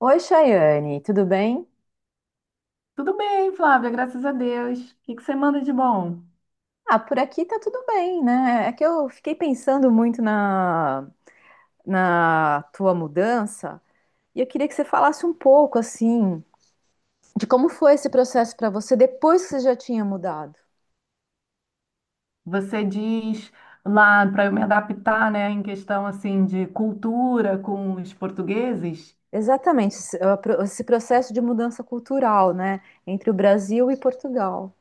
Oi, Chayane, tudo bem? Tudo bem, Flávia, graças a Deus. O que que você manda de bom? Ah, por aqui tá tudo bem, né? É que eu fiquei pensando muito na tua mudança e eu queria que você falasse um pouco, assim, de como foi esse processo para você depois que você já tinha mudado. Você diz lá para eu me adaptar, né, em questão assim de cultura com os portugueses? Exatamente, esse esse processo de mudança cultural, né? Entre o Brasil e Portugal.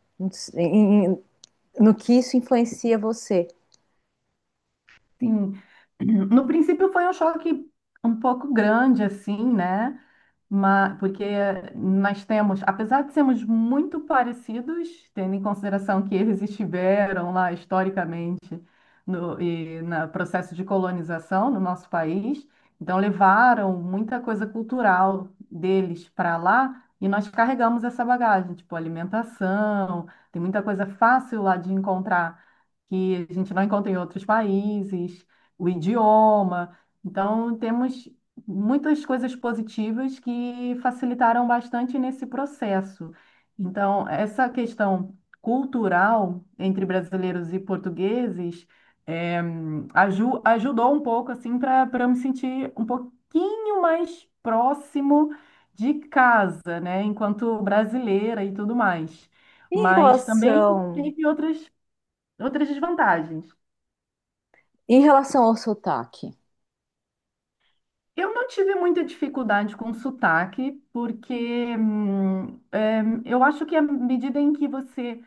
Em- em- No que isso influencia você. Sim. No princípio foi um choque um pouco grande assim, né? Porque nós temos, apesar de sermos muito parecidos, tendo em consideração que eles estiveram lá historicamente no processo de colonização no nosso país, então levaram muita coisa cultural deles para lá e nós carregamos essa bagagem, tipo alimentação, tem muita coisa fácil lá de encontrar que a gente não encontra em outros países, o idioma. Então, temos muitas coisas positivas que facilitaram bastante nesse processo. Então, essa questão cultural entre brasileiros e portugueses eh, ajudou um pouco assim para eu me sentir um pouquinho mais próximo de casa, né, enquanto brasileira e tudo mais. Em Mas também relação, teve outras desvantagens. Em relação ao sotaque. Eu não tive muita dificuldade com sotaque, porque eu acho que à medida em que você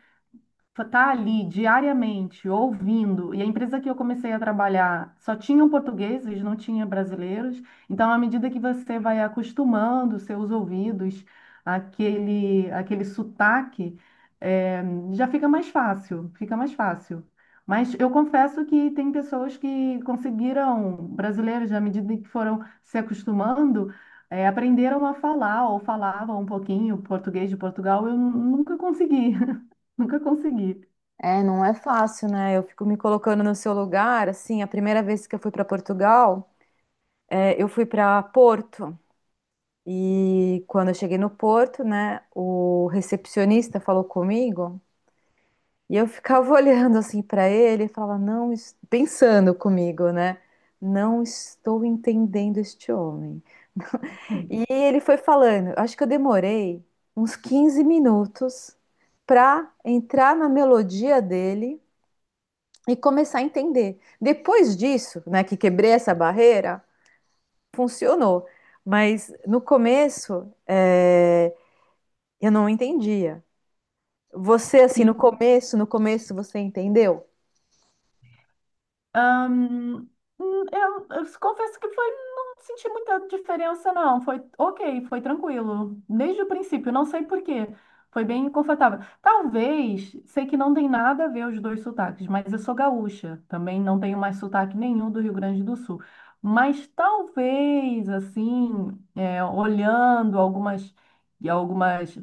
tá ali diariamente ouvindo, e a empresa que eu comecei a trabalhar só tinham portugueses, não tinha brasileiros. Então, à medida que você vai acostumando seus ouvidos àquele sotaque, eh, já fica mais fácil, fica mais fácil. Mas eu confesso que tem pessoas que conseguiram, brasileiros, à medida que foram se acostumando, aprenderam a falar ou falavam um pouquinho português de Portugal. Nunca consegui, nunca consegui. É, não é fácil, né? Eu fico me colocando no seu lugar. Assim, a primeira vez que eu fui para Portugal, é, eu fui para Porto. E quando eu cheguei no Porto, né, o recepcionista falou comigo e eu ficava olhando assim para ele e falava, não, pensando comigo, né? Não estou entendendo este homem. Sim. E ele foi falando, acho que eu demorei uns 15 minutos para entrar na melodia dele e começar a entender. Depois disso, né, que quebrei essa barreira, funcionou. Mas no começo, é, eu não entendia. Você, assim, no começo, no começo você entendeu? Ahn, eu confesso que não senti muita diferença, não. Foi ok, foi tranquilo. Desde o princípio, não sei por quê. Foi bem confortável. Talvez, sei que não tem nada a ver os dois sotaques, mas eu sou gaúcha. Também não tenho mais sotaque nenhum do Rio Grande do Sul. Mas talvez, assim, é, olhando algumas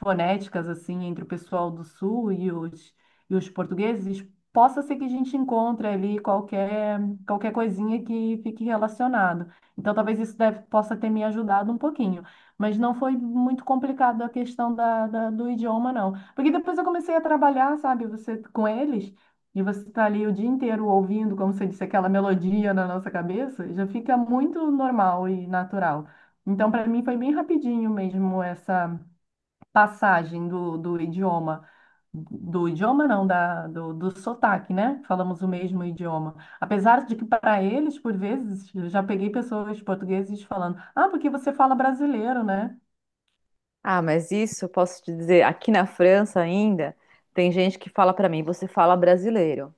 fonéticas, assim, entre o pessoal do Sul e os portugueses, possa ser que a gente encontre ali qualquer coisinha que fique relacionado. Então, talvez possa ter me ajudado um pouquinho. Mas não foi muito complicado a questão do idioma, não. Porque depois eu comecei a trabalhar, sabe, você com eles, e você está ali o dia inteiro ouvindo, como você disse, aquela melodia na nossa cabeça, já fica muito normal e natural. Então, para mim, foi bem rapidinho mesmo essa passagem do do sotaque, né? Falamos o mesmo idioma. Apesar de que, para eles, por vezes, eu já peguei pessoas portugueses falando: Ah, porque você fala brasileiro, né? Ah, mas isso eu posso te dizer, aqui na França ainda, tem gente que fala para mim, você fala brasileiro.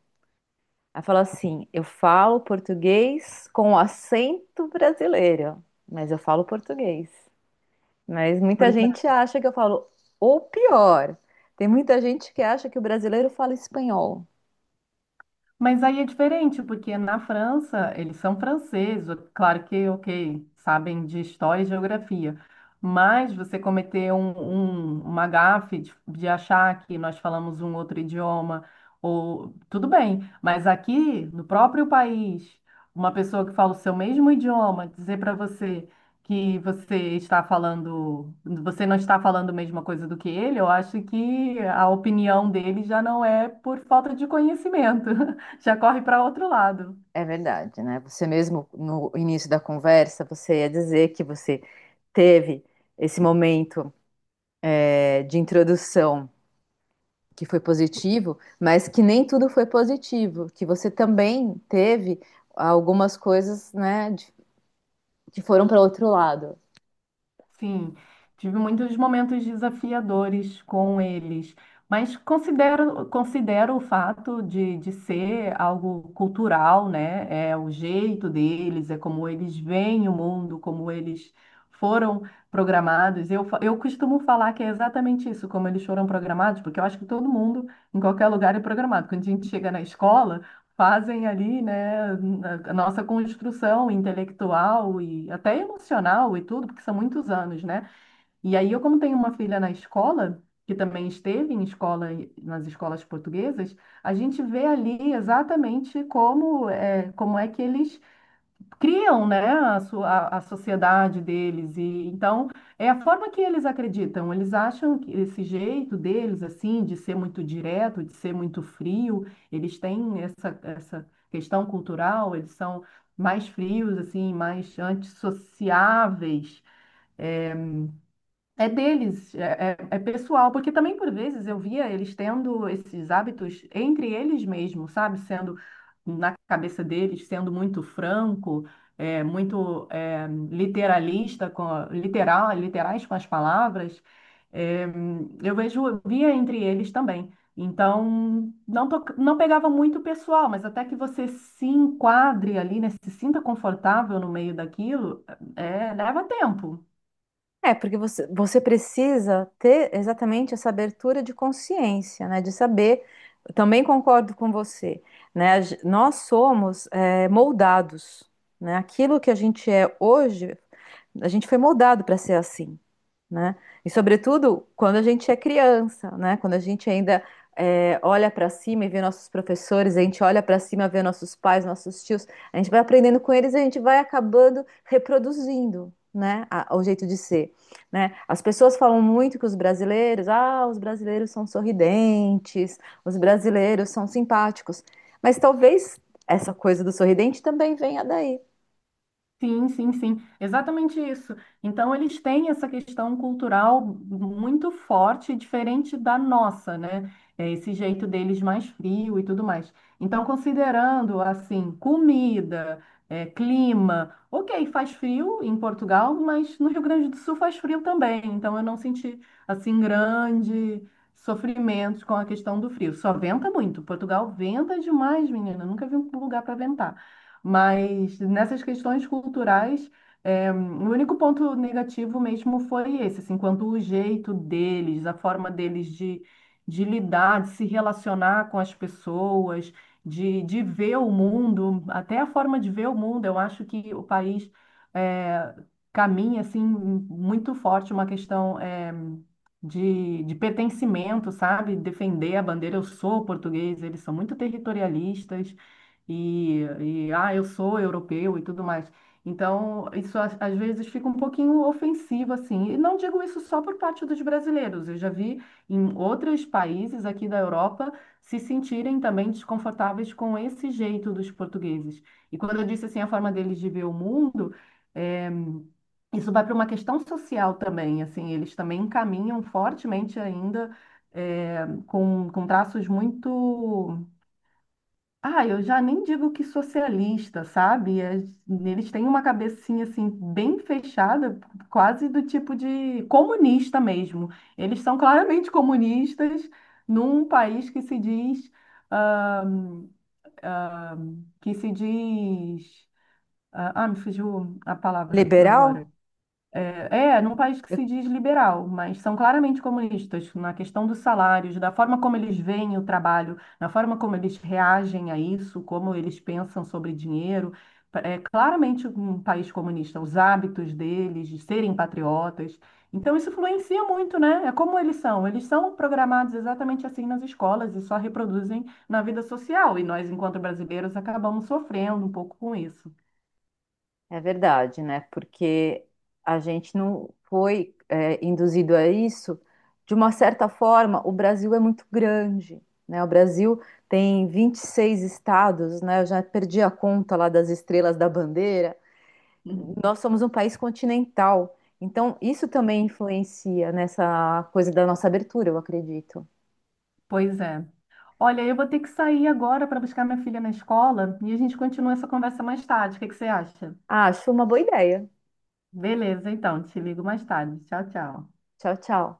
Aí fala assim, eu falo português com acento brasileiro, mas eu falo português. Mas muita Pois é. gente acha que eu falo, ou pior, tem muita gente que acha que o brasileiro fala espanhol. Mas aí é diferente, porque na França eles são franceses, claro que, ok, sabem de história e geografia, mas você cometer uma gafe de achar que nós falamos um outro idioma, ou tudo bem, mas aqui no próprio país, uma pessoa que fala o seu mesmo idioma dizer para você que você não está falando a mesma coisa do que ele, eu acho que a opinião dele já não é por falta de conhecimento. Já corre para outro lado. É verdade, né? Você mesmo, no início da conversa, você ia dizer que você teve esse momento, de introdução que foi positivo, mas que nem tudo foi positivo, que você também teve algumas coisas, que foram para outro lado. Sim, tive muitos momentos desafiadores com eles, mas considero o fato de ser algo cultural, né? É o jeito deles, é como eles veem o mundo, como eles foram programados. Eu costumo falar que é exatamente isso, como eles foram programados, porque eu acho que todo mundo, em qualquer lugar, é programado. Quando a gente chega na escola, fazem ali, né, a nossa construção intelectual e até emocional e tudo, porque são muitos anos, né? E aí eu, como tenho uma filha na escola, que também esteve em escola, nas escolas portuguesas, a gente vê ali exatamente como é que eles criam, né, a sua, a sociedade deles e então é a forma que eles acreditam. Eles acham que esse jeito deles assim de ser muito direto, de ser muito frio, eles têm essa questão cultural, eles são mais frios assim, mais antissociáveis. eh, É deles, é, é pessoal, porque também por vezes eu via eles tendo esses hábitos entre eles mesmos, sabe? Sendo na cabeça deles, sendo muito franco, literalista, literal, literais com as palavras. É, via entre eles também. Então, não pegava muito pessoal, mas até que você se enquadre ali, né? Se sinta confortável no meio daquilo, é, leva tempo. É, porque você precisa ter exatamente essa abertura de consciência, né? De saber. Eu também concordo com você, né? Nós somos moldados, né? Aquilo que a gente é hoje a gente foi moldado para ser assim, né? E sobretudo quando a gente é criança, né? Quando a gente ainda é, olha para cima e vê nossos professores, a gente olha para cima, e vê nossos pais, nossos tios, a gente vai aprendendo com eles e a gente vai acabando reproduzindo, o jeito de ser, né? As pessoas falam muito que os brasileiros, ah, os brasileiros são sorridentes, os brasileiros são simpáticos, mas talvez essa coisa do sorridente também venha daí. Sim, sim, sim, exatamente isso. Então, eles têm essa questão cultural muito forte, diferente da nossa, né? É esse jeito deles mais frio e tudo mais. Então, considerando, assim, comida, é, clima, ok, faz frio em Portugal, mas no Rio Grande do Sul faz frio também. Então, eu não senti, assim, grande sofrimento com a questão do frio. Só venta muito. Portugal venta demais, menina. Nunca vi um lugar para ventar. Mas nessas questões culturais, é, o único ponto negativo mesmo foi esse, assim, quanto o jeito deles, a forma deles de lidar, de se relacionar com as pessoas, de ver o mundo, até a forma de ver o mundo. Eu acho que o país é, caminha, assim, muito forte uma questão é, de pertencimento, sabe? Defender a bandeira, eu sou português, eles são muito territorialistas ah, eu sou europeu e tudo mais. Então, isso às vezes fica um pouquinho ofensivo, assim. E não digo isso só por parte dos brasileiros. Eu já vi em outros países aqui da Europa se sentirem também desconfortáveis com esse jeito dos portugueses. E quando eu disse assim, a forma deles de ver o mundo, é, isso vai para uma questão social também, assim, eles também encaminham fortemente ainda eh, com traços muito ah, eu já nem digo que socialista, sabe? Eles têm uma cabecinha assim bem fechada, quase do tipo de comunista mesmo. Eles são claramente comunistas num país que se diz, ah, que se diz, ah, me fugiu a palavra Liberal? agora. É, é, num país que se diz liberal, mas são claramente comunistas na questão dos salários, da forma como eles veem o trabalho, na forma como eles reagem a isso, como eles pensam sobre dinheiro. É claramente um país comunista, os hábitos deles de serem patriotas. Então, isso influencia muito, né? É como eles são. Eles são programados exatamente assim nas escolas e só reproduzem na vida social. E nós, enquanto brasileiros, acabamos sofrendo um pouco com isso. É verdade, né? Porque a gente não foi, é, induzido a isso. De uma certa forma, o Brasil é muito grande, né? O Brasil tem 26 estados, né? Eu já perdi a conta lá das estrelas da bandeira. Nós somos um país continental, então isso também influencia nessa coisa da nossa abertura, eu acredito. Pois é. Olha, eu vou ter que sair agora para buscar minha filha na escola e a gente continua essa conversa mais tarde. O que que você acha? Ah, acho uma boa ideia. Beleza, então, te ligo mais tarde. Tchau, tchau. Tchau, tchau.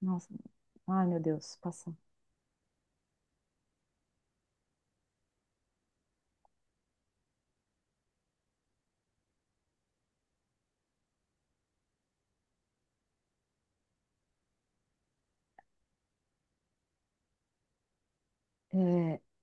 Nossa, ai meu Deus, passa. É,